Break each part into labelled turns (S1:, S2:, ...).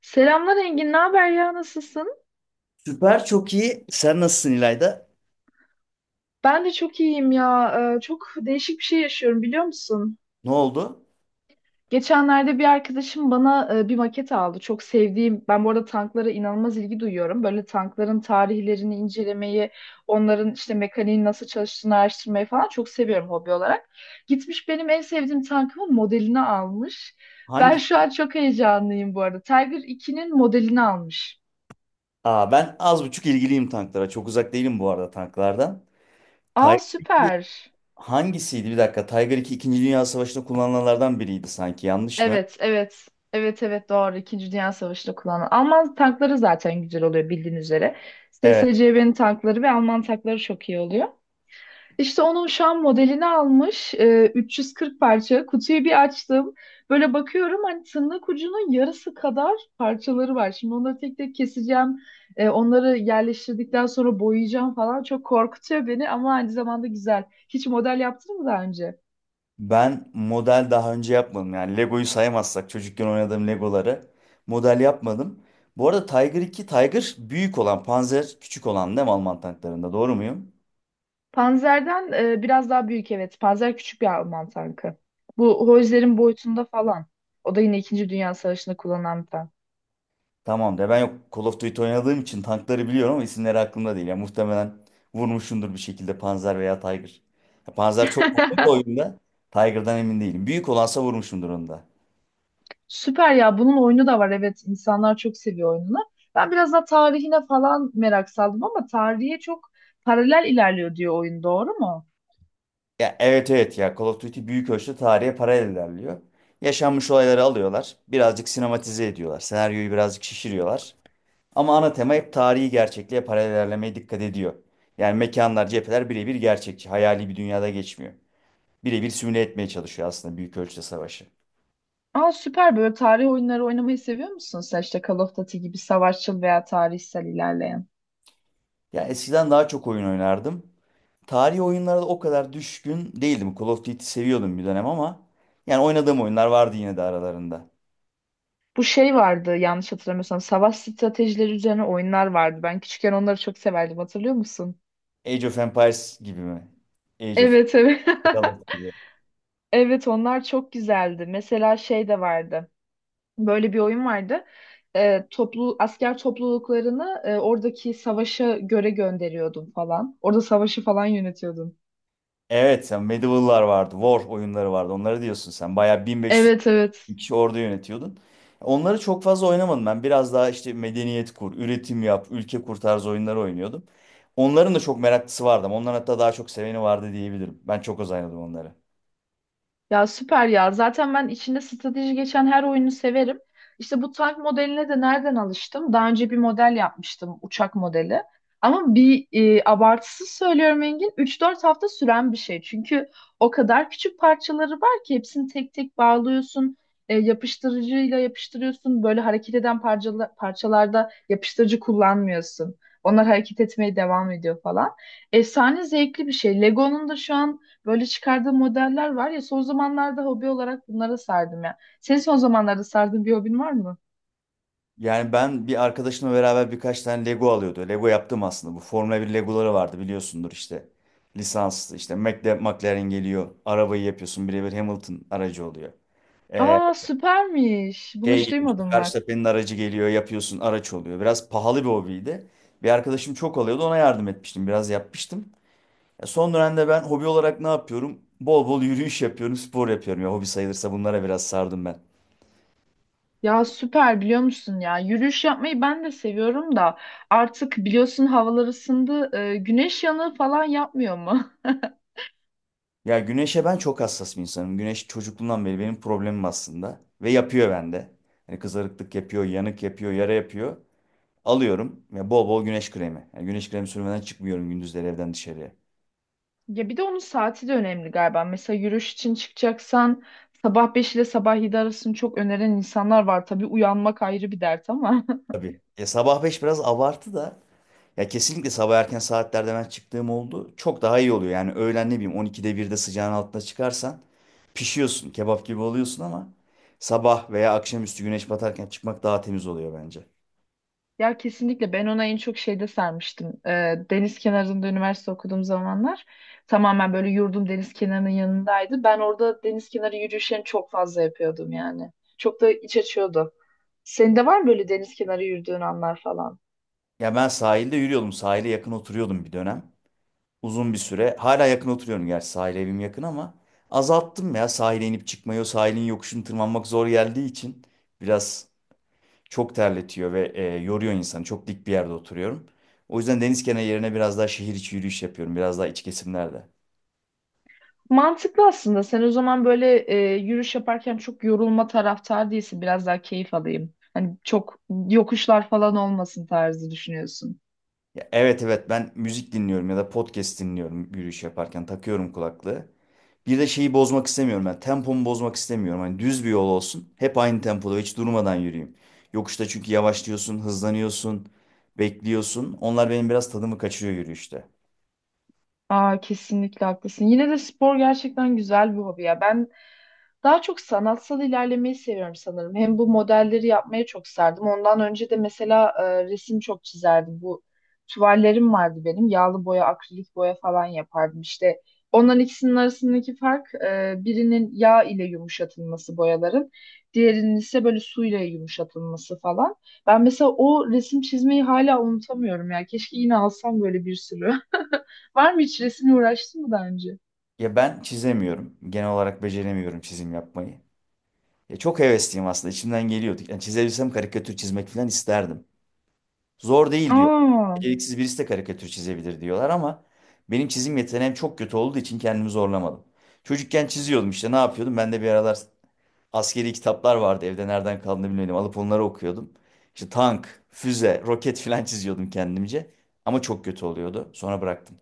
S1: Selamlar Engin, ne haber ya, nasılsın?
S2: Süper çok iyi. Sen nasılsın İlayda?
S1: Ben de çok iyiyim ya. Çok değişik bir şey yaşıyorum biliyor musun?
S2: Ne oldu?
S1: Geçenlerde bir arkadaşım bana bir maket aldı. Çok sevdiğim, ben bu arada tanklara inanılmaz ilgi duyuyorum. Böyle tankların tarihlerini incelemeyi, onların işte mekaniğin nasıl çalıştığını araştırmayı falan çok seviyorum hobi olarak. Gitmiş benim en sevdiğim tankımın modelini almış. Ben
S2: Hangi?
S1: şu an çok heyecanlıyım bu arada. Tiger 2'nin modelini almış.
S2: Aa, ben az buçuk ilgiliyim tanklara. Çok uzak değilim bu arada tanklardan.
S1: Aa
S2: Tiger 2
S1: süper.
S2: hangisiydi? Bir dakika. Tiger 2 İkinci Dünya Savaşı'nda kullanılanlardan biriydi sanki. Yanlış mı?
S1: Evet, evet. Evet, evet doğru. İkinci Dünya Savaşı'nda kullanılan. Alman tankları zaten güzel oluyor bildiğin üzere.
S2: Evet.
S1: SSCB'nin tankları ve Alman tankları çok iyi oluyor. İşte onun şu an modelini almış. 340 parça. Kutuyu bir açtım. Böyle bakıyorum hani tırnak ucunun yarısı kadar parçaları var. Şimdi onları tek tek keseceğim. Onları yerleştirdikten sonra boyayacağım falan. Çok korkutuyor beni ama aynı zamanda güzel. Hiç model yaptın mı daha önce?
S2: Ben model daha önce yapmadım. Yani Lego'yu saymazsak çocukken oynadığım Legoları model yapmadım. Bu arada Tiger 2, Tiger büyük olan, Panzer küçük olan değil mi Alman tanklarında? Doğru muyum?
S1: Panzer'den biraz daha büyük evet. Panzer küçük bir Alman tankı. Bu Hojler'in boyutunda falan. O da yine İkinci Dünya Savaşı'nda kullanılan bir tank.
S2: Tamam de ben yok, Call of Duty oynadığım için tankları biliyorum ama isimleri aklımda değil. Ya muhtemelen vurmuşumdur bir şekilde Panzer veya Tiger. Ya Panzer çok vurdum da oyunda. Tiger'dan emin değilim. Büyük olansa vurmuşumdur onu da.
S1: Süper ya. Bunun oyunu da var. Evet, insanlar çok seviyor oyununu. Ben biraz daha tarihine falan merak saldım ama tarihe çok paralel ilerliyor diyor oyun. Doğru mu?
S2: Ya evet evet ya, Call of Duty büyük ölçüde tarihe paralel ilerliyor. Yaşanmış olayları alıyorlar. Birazcık sinematize ediyorlar. Senaryoyu birazcık şişiriyorlar. Ama ana tema hep tarihi gerçekliğe paralel ilerlemeye dikkat ediyor. Yani mekanlar, cepheler birebir gerçekçi. Hayali bir dünyada geçmiyor. Birebir simüle etmeye çalışıyor aslında büyük ölçüde savaşı.
S1: Aa süper. Böyle tarih oyunları oynamayı seviyor musun sen? İşte Call of Duty gibi savaşçıl veya tarihsel ilerleyen.
S2: Ya eskiden daha çok oyun oynardım. Tarihi oyunlara da o kadar düşkün değildim. Call of Duty seviyordum bir dönem ama yani oynadığım oyunlar vardı yine de aralarında.
S1: Bu şey vardı yanlış hatırlamıyorsam savaş stratejileri üzerine oyunlar vardı. Ben küçükken onları çok severdim hatırlıyor musun?
S2: Age of Empires gibi mi? Age of
S1: Evet, evet.
S2: Empires gibi.
S1: Evet, onlar çok güzeldi. Mesela şey de vardı. Böyle bir oyun vardı. Toplu asker topluluklarını oradaki savaşa göre gönderiyordum falan. Orada savaşı falan yönetiyordum.
S2: Evet, sen Medieval'lar vardı, War oyunları vardı. Onları diyorsun sen. Bayağı 1500
S1: Evet, evet.
S2: kişi orada yönetiyordun. Onları çok fazla oynamadım ben. Biraz daha işte medeniyet kur, üretim yap, ülke kur tarzı oyunları oynuyordum. Onların da çok meraklısı vardı ama onların hatta daha çok seveni vardı diyebilirim. Ben çok az oynadım onları.
S1: Ya süper ya. Zaten ben içinde strateji geçen her oyunu severim. İşte bu tank modeline de nereden alıştım? Daha önce bir model yapmıştım, uçak modeli. Ama bir abartısız söylüyorum Engin, 3-4 hafta süren bir şey. Çünkü o kadar küçük parçaları var ki hepsini tek tek bağlıyorsun. Yapıştırıcıyla yapıştırıyorsun. Böyle hareket eden parçalarda yapıştırıcı kullanmıyorsun. Onlar hareket etmeye devam ediyor falan. Efsane zevkli bir şey. Lego'nun da şu an. Böyle çıkardığım modeller var ya, son zamanlarda hobi olarak bunlara sardım ya. Senin son zamanlarda sardığın bir hobin var mı?
S2: Yani ben bir arkadaşımla beraber birkaç tane Lego alıyordu. Lego yaptım aslında. Bu Formula bir Legoları vardı biliyorsundur işte. Lisanslı işte McLaren geliyor. Arabayı yapıyorsun. Birebir Hamilton aracı oluyor. Ee,
S1: Aa süpermiş. Bunu
S2: şey
S1: hiç
S2: geliyor güzel. İşte
S1: duymadım bak.
S2: Verstappen'in aracı geliyor. Yapıyorsun araç oluyor. Biraz pahalı bir hobiydi. Bir arkadaşım çok alıyordu. Ona yardım etmiştim. Biraz yapmıştım. Ya son dönemde ben hobi olarak ne yapıyorum? Bol bol yürüyüş yapıyorum. Spor yapıyorum. Ya hobi sayılırsa bunlara biraz sardım ben.
S1: Ya süper biliyor musun ya? Yürüyüş yapmayı ben de seviyorum da artık biliyorsun havalar ısındı. Güneş yanığı falan yapmıyor mu?
S2: Ya güneşe ben çok hassas bir insanım. Güneş çocukluğumdan beri benim problemim aslında. Ve yapıyor bende. Hani kızarıklık yapıyor, yanık yapıyor, yara yapıyor. Alıyorum ve bol bol güneş kremi. Yani güneş kremi sürmeden çıkmıyorum gündüzleri evden dışarıya.
S1: Ya bir de onun saati de önemli galiba. Mesela yürüyüş için çıkacaksan sabah 5 ile sabah 7 arasını çok öneren insanlar var. Tabii uyanmak ayrı bir dert ama.
S2: Tabii. Ya sabah 5 biraz abartı da. Ya kesinlikle sabah erken saatlerde ben çıktığım oldu. Çok daha iyi oluyor. Yani öğlen ne bileyim 12'de 1'de sıcağın altına çıkarsan pişiyorsun. Kebap gibi oluyorsun ama sabah veya akşamüstü güneş batarken çıkmak daha temiz oluyor bence.
S1: Ya kesinlikle ben ona en çok şeyde sarmıştım. Deniz kenarında üniversite okuduğum zamanlar tamamen böyle yurdum deniz kenarının yanındaydı. Ben orada deniz kenarı yürüyüşlerini çok fazla yapıyordum yani. Çok da iç açıyordu. Senin de var mı böyle deniz kenarı yürüdüğün anlar falan?
S2: Ya ben sahilde yürüyordum. Sahile yakın oturuyordum bir dönem, uzun bir süre. Hala yakın oturuyorum, gerçi sahil evim yakın ama azalttım ya sahile inip çıkmayı. O sahilin yokuşunu tırmanmak zor geldiği için biraz, çok terletiyor ve yoruyor insanı. Çok dik bir yerde oturuyorum. O yüzden deniz kenarı yerine biraz daha şehir içi yürüyüş yapıyorum. Biraz daha iç kesimlerde.
S1: Mantıklı aslında. Sen o zaman böyle yürüyüş yaparken çok yorulma taraftar değilsin. Biraz daha keyif alayım. Hani çok yokuşlar falan olmasın tarzı düşünüyorsun.
S2: Ya, evet evet, ben müzik dinliyorum ya da podcast dinliyorum yürüyüş yaparken, takıyorum kulaklığı. Bir de şeyi bozmak istemiyorum ben. Tempomu bozmak istemiyorum. Hani düz bir yol olsun. Hep aynı tempoda hiç durmadan yürüyeyim. Yokuşta çünkü yavaşlıyorsun, hızlanıyorsun, bekliyorsun. Onlar benim biraz tadımı kaçırıyor yürüyüşte.
S1: Aa, kesinlikle haklısın. Yine de spor gerçekten güzel bir hobi ya. Ben daha çok sanatsal ilerlemeyi seviyorum sanırım. Hem bu modelleri yapmaya çok sardım. Ondan önce de mesela resim çok çizerdim. Bu tuvallerim vardı benim. Yağlı boya, akrilik boya falan yapardım. İşte onların ikisinin arasındaki fark birinin yağ ile yumuşatılması boyaların. Diğerinin ise böyle suyla yumuşatılması falan. Ben mesela o resim çizmeyi hala unutamıyorum ya. Keşke yine alsam böyle bir sürü. Var mı, hiç resimle uğraştın mı daha önce?
S2: Ya ben çizemiyorum. Genel olarak beceremiyorum çizim yapmayı. Ya çok hevesliyim aslında. İçimden geliyordu. Yani çizebilsem karikatür çizmek falan isterdim. Zor değil diyor.
S1: Aa,
S2: Beceriksiz birisi de karikatür çizebilir diyorlar ama benim çizim yeteneğim çok kötü olduğu için kendimi zorlamadım. Çocukken çiziyordum işte, ne yapıyordum? Ben de bir aralar askeri kitaplar vardı evde, nereden kaldığını bilmedim. Alıp onları okuyordum. İşte tank, füze, roket filan çiziyordum kendimce. Ama çok kötü oluyordu. Sonra bıraktım.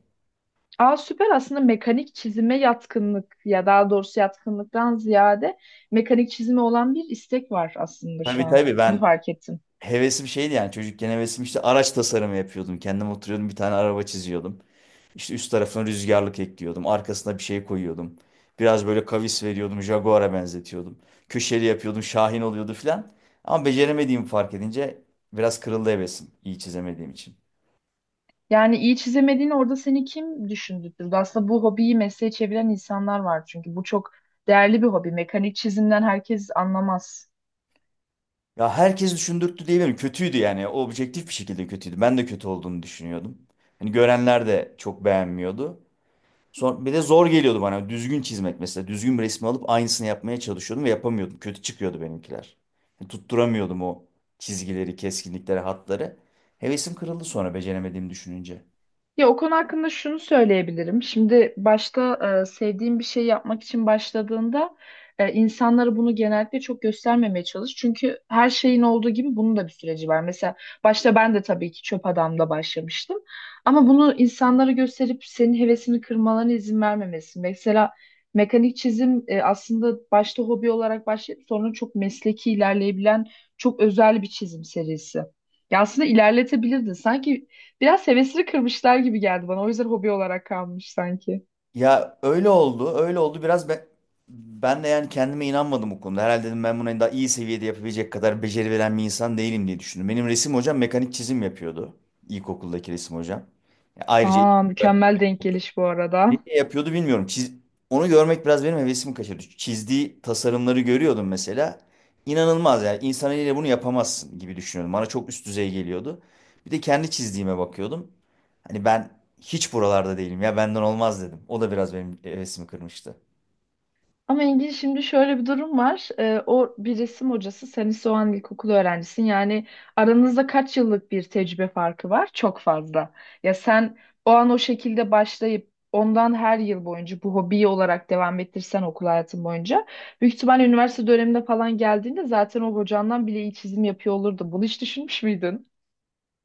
S1: aa, süper aslında mekanik çizime yatkınlık ya, daha doğrusu yatkınlıktan ziyade mekanik çizime olan bir istek var aslında şu
S2: Tabii
S1: an.
S2: tabii,
S1: Onu
S2: ben
S1: fark ettim.
S2: hevesim şeydi yani, çocukken hevesim işte araç tasarımı yapıyordum. Kendim oturuyordum bir tane araba çiziyordum. İşte üst tarafına rüzgarlık ekliyordum. Arkasına bir şey koyuyordum. Biraz böyle kavis veriyordum. Jaguar'a benzetiyordum. Köşeli yapıyordum. Şahin oluyordu filan. Ama beceremediğimi fark edince biraz kırıldı hevesim, iyi çizemediğim için.
S1: Yani iyi çizemediğini orada seni kim düşündürttü? Aslında bu hobiyi mesleğe çeviren insanlar var çünkü bu çok değerli bir hobi. Mekanik çizimden herkes anlamaz.
S2: Ya herkes düşündürttü diyebilirim. Kötüydü yani. O objektif bir şekilde kötüydü. Ben de kötü olduğunu düşünüyordum. Hani görenler de çok beğenmiyordu. Son, bir de zor geliyordu bana. Düzgün çizmek mesela. Düzgün bir resmi alıp aynısını yapmaya çalışıyordum ve yapamıyordum. Kötü çıkıyordu benimkiler. Yani tutturamıyordum o çizgileri, keskinlikleri, hatları. Hevesim kırıldı sonra, beceremediğimi düşününce.
S1: Ya o konu hakkında şunu söyleyebilirim. Şimdi başta sevdiğim bir şey yapmak için başladığında insanlara bunu genellikle çok göstermemeye çalış. Çünkü her şeyin olduğu gibi bunun da bir süreci var. Mesela başta ben de tabii ki çöp adamla başlamıştım. Ama bunu insanlara gösterip senin hevesini kırmalarına izin vermemesi. Mesela mekanik çizim aslında başta hobi olarak başlayıp sonra çok mesleki ilerleyebilen çok özel bir çizim serisi. Ya aslında ilerletebilirdin. Sanki biraz hevesini kırmışlar gibi geldi bana. O yüzden hobi olarak kalmış sanki.
S2: Ya öyle oldu, öyle oldu. Ben de yani kendime inanmadım bu konuda. Herhalde dedim ben bunu daha iyi seviyede yapabilecek kadar beceri veren bir insan değilim diye düşündüm. Benim resim hocam mekanik çizim yapıyordu. İlkokuldaki resim hocam. Ya ayrıca
S1: Aa, mükemmel denk geliş bu
S2: ne
S1: arada.
S2: yapıyordu bilmiyorum. Onu görmek biraz benim hevesimi kaçırdı. Çizdiği tasarımları görüyordum mesela. İnanılmaz yani. İnsan eliyle bunu yapamazsın gibi düşünüyordum. Bana çok üst düzey geliyordu. Bir de kendi çizdiğime bakıyordum. Hani ben hiç buralarda değilim ya, benden olmaz dedim. O da biraz benim hevesimi kırmıştı.
S1: Ama Engin şimdi şöyle bir durum var. O bir resim hocası, sen ise o an ilkokul öğrencisin. Yani aranızda kaç yıllık bir tecrübe farkı var? Çok fazla. Ya sen o an o şekilde başlayıp ondan her yıl boyunca bu hobiyi olarak devam ettirsen okul hayatın boyunca büyük ihtimal üniversite döneminde falan geldiğinde zaten o hocandan bile iyi çizim yapıyor olurdu. Bunu hiç düşünmüş müydün?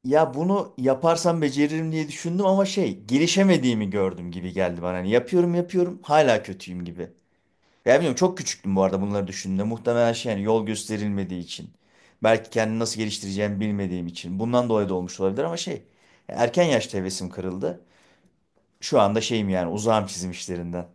S2: Ya bunu yaparsam beceririm diye düşündüm ama şey, gelişemediğimi gördüm gibi geldi bana. Hani yapıyorum yapıyorum hala kötüyüm gibi. Ya bilmiyorum, çok küçüktüm bu arada bunları düşündüğümde. Muhtemelen şey yani, yol gösterilmediği için. Belki kendini nasıl geliştireceğimi bilmediğim için. Bundan dolayı da olmuş olabilir ama şey, erken yaşta hevesim kırıldı. Şu anda şeyim yani, uzağım çizim işlerinden.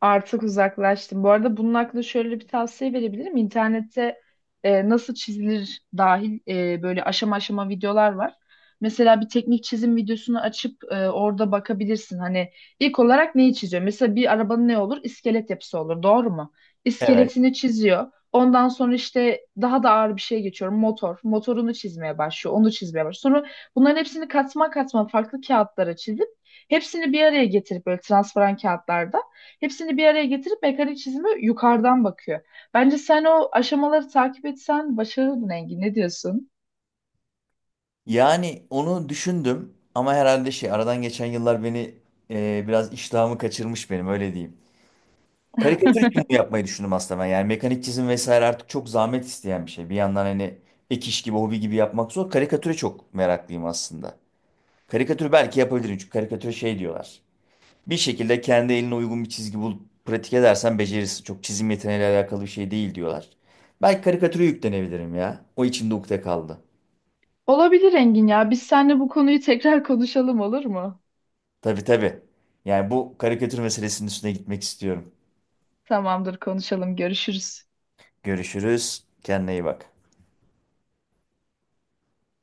S1: Artık uzaklaştım. Bu arada bunun hakkında şöyle bir tavsiye verebilirim. İnternette nasıl çizilir dahil, böyle aşama aşama videolar var. Mesela bir teknik çizim videosunu açıp orada bakabilirsin. Hani ilk olarak neyi çiziyor? Mesela bir arabanın ne olur? İskelet yapısı olur. Doğru mu?
S2: Evet.
S1: İskeletini çiziyor. Ondan sonra işte daha da ağır bir şeye geçiyorum. Motor. Motorunu çizmeye başlıyor. Onu çizmeye başlıyor. Sonra bunların hepsini katma katma farklı kağıtlara çizip hepsini bir araya getirip böyle transparan kağıtlarda. Hepsini bir araya getirip mekanik çizimi yukarıdan bakıyor. Bence sen o aşamaları takip etsen başarırdın Engin. Ne diyorsun?
S2: Yani onu düşündüm ama herhalde şey, aradan geçen yıllar beni biraz iştahımı kaçırmış benim, öyle diyeyim. Karikatür için bunu yapmayı düşündüm aslında ben. Yani mekanik çizim vesaire artık çok zahmet isteyen bir şey. Bir yandan hani ek iş gibi hobi gibi yapmak zor. Karikatüre çok meraklıyım aslında. Karikatür belki yapabilirim çünkü karikatüre şey diyorlar. Bir şekilde kendi eline uygun bir çizgi bulup pratik edersen becerirsin. Çok çizim yeteneğiyle alakalı bir şey değil diyorlar. Belki karikatüre yüklenebilirim ya. O içimde ukde kaldı.
S1: Olabilir Engin ya. Biz seninle bu konuyu tekrar konuşalım olur mu?
S2: Tabii tabii. Yani bu karikatür meselesinin üstüne gitmek istiyorum.
S1: Tamamdır konuşalım. Görüşürüz.
S2: Görüşürüz. Kendine iyi bak.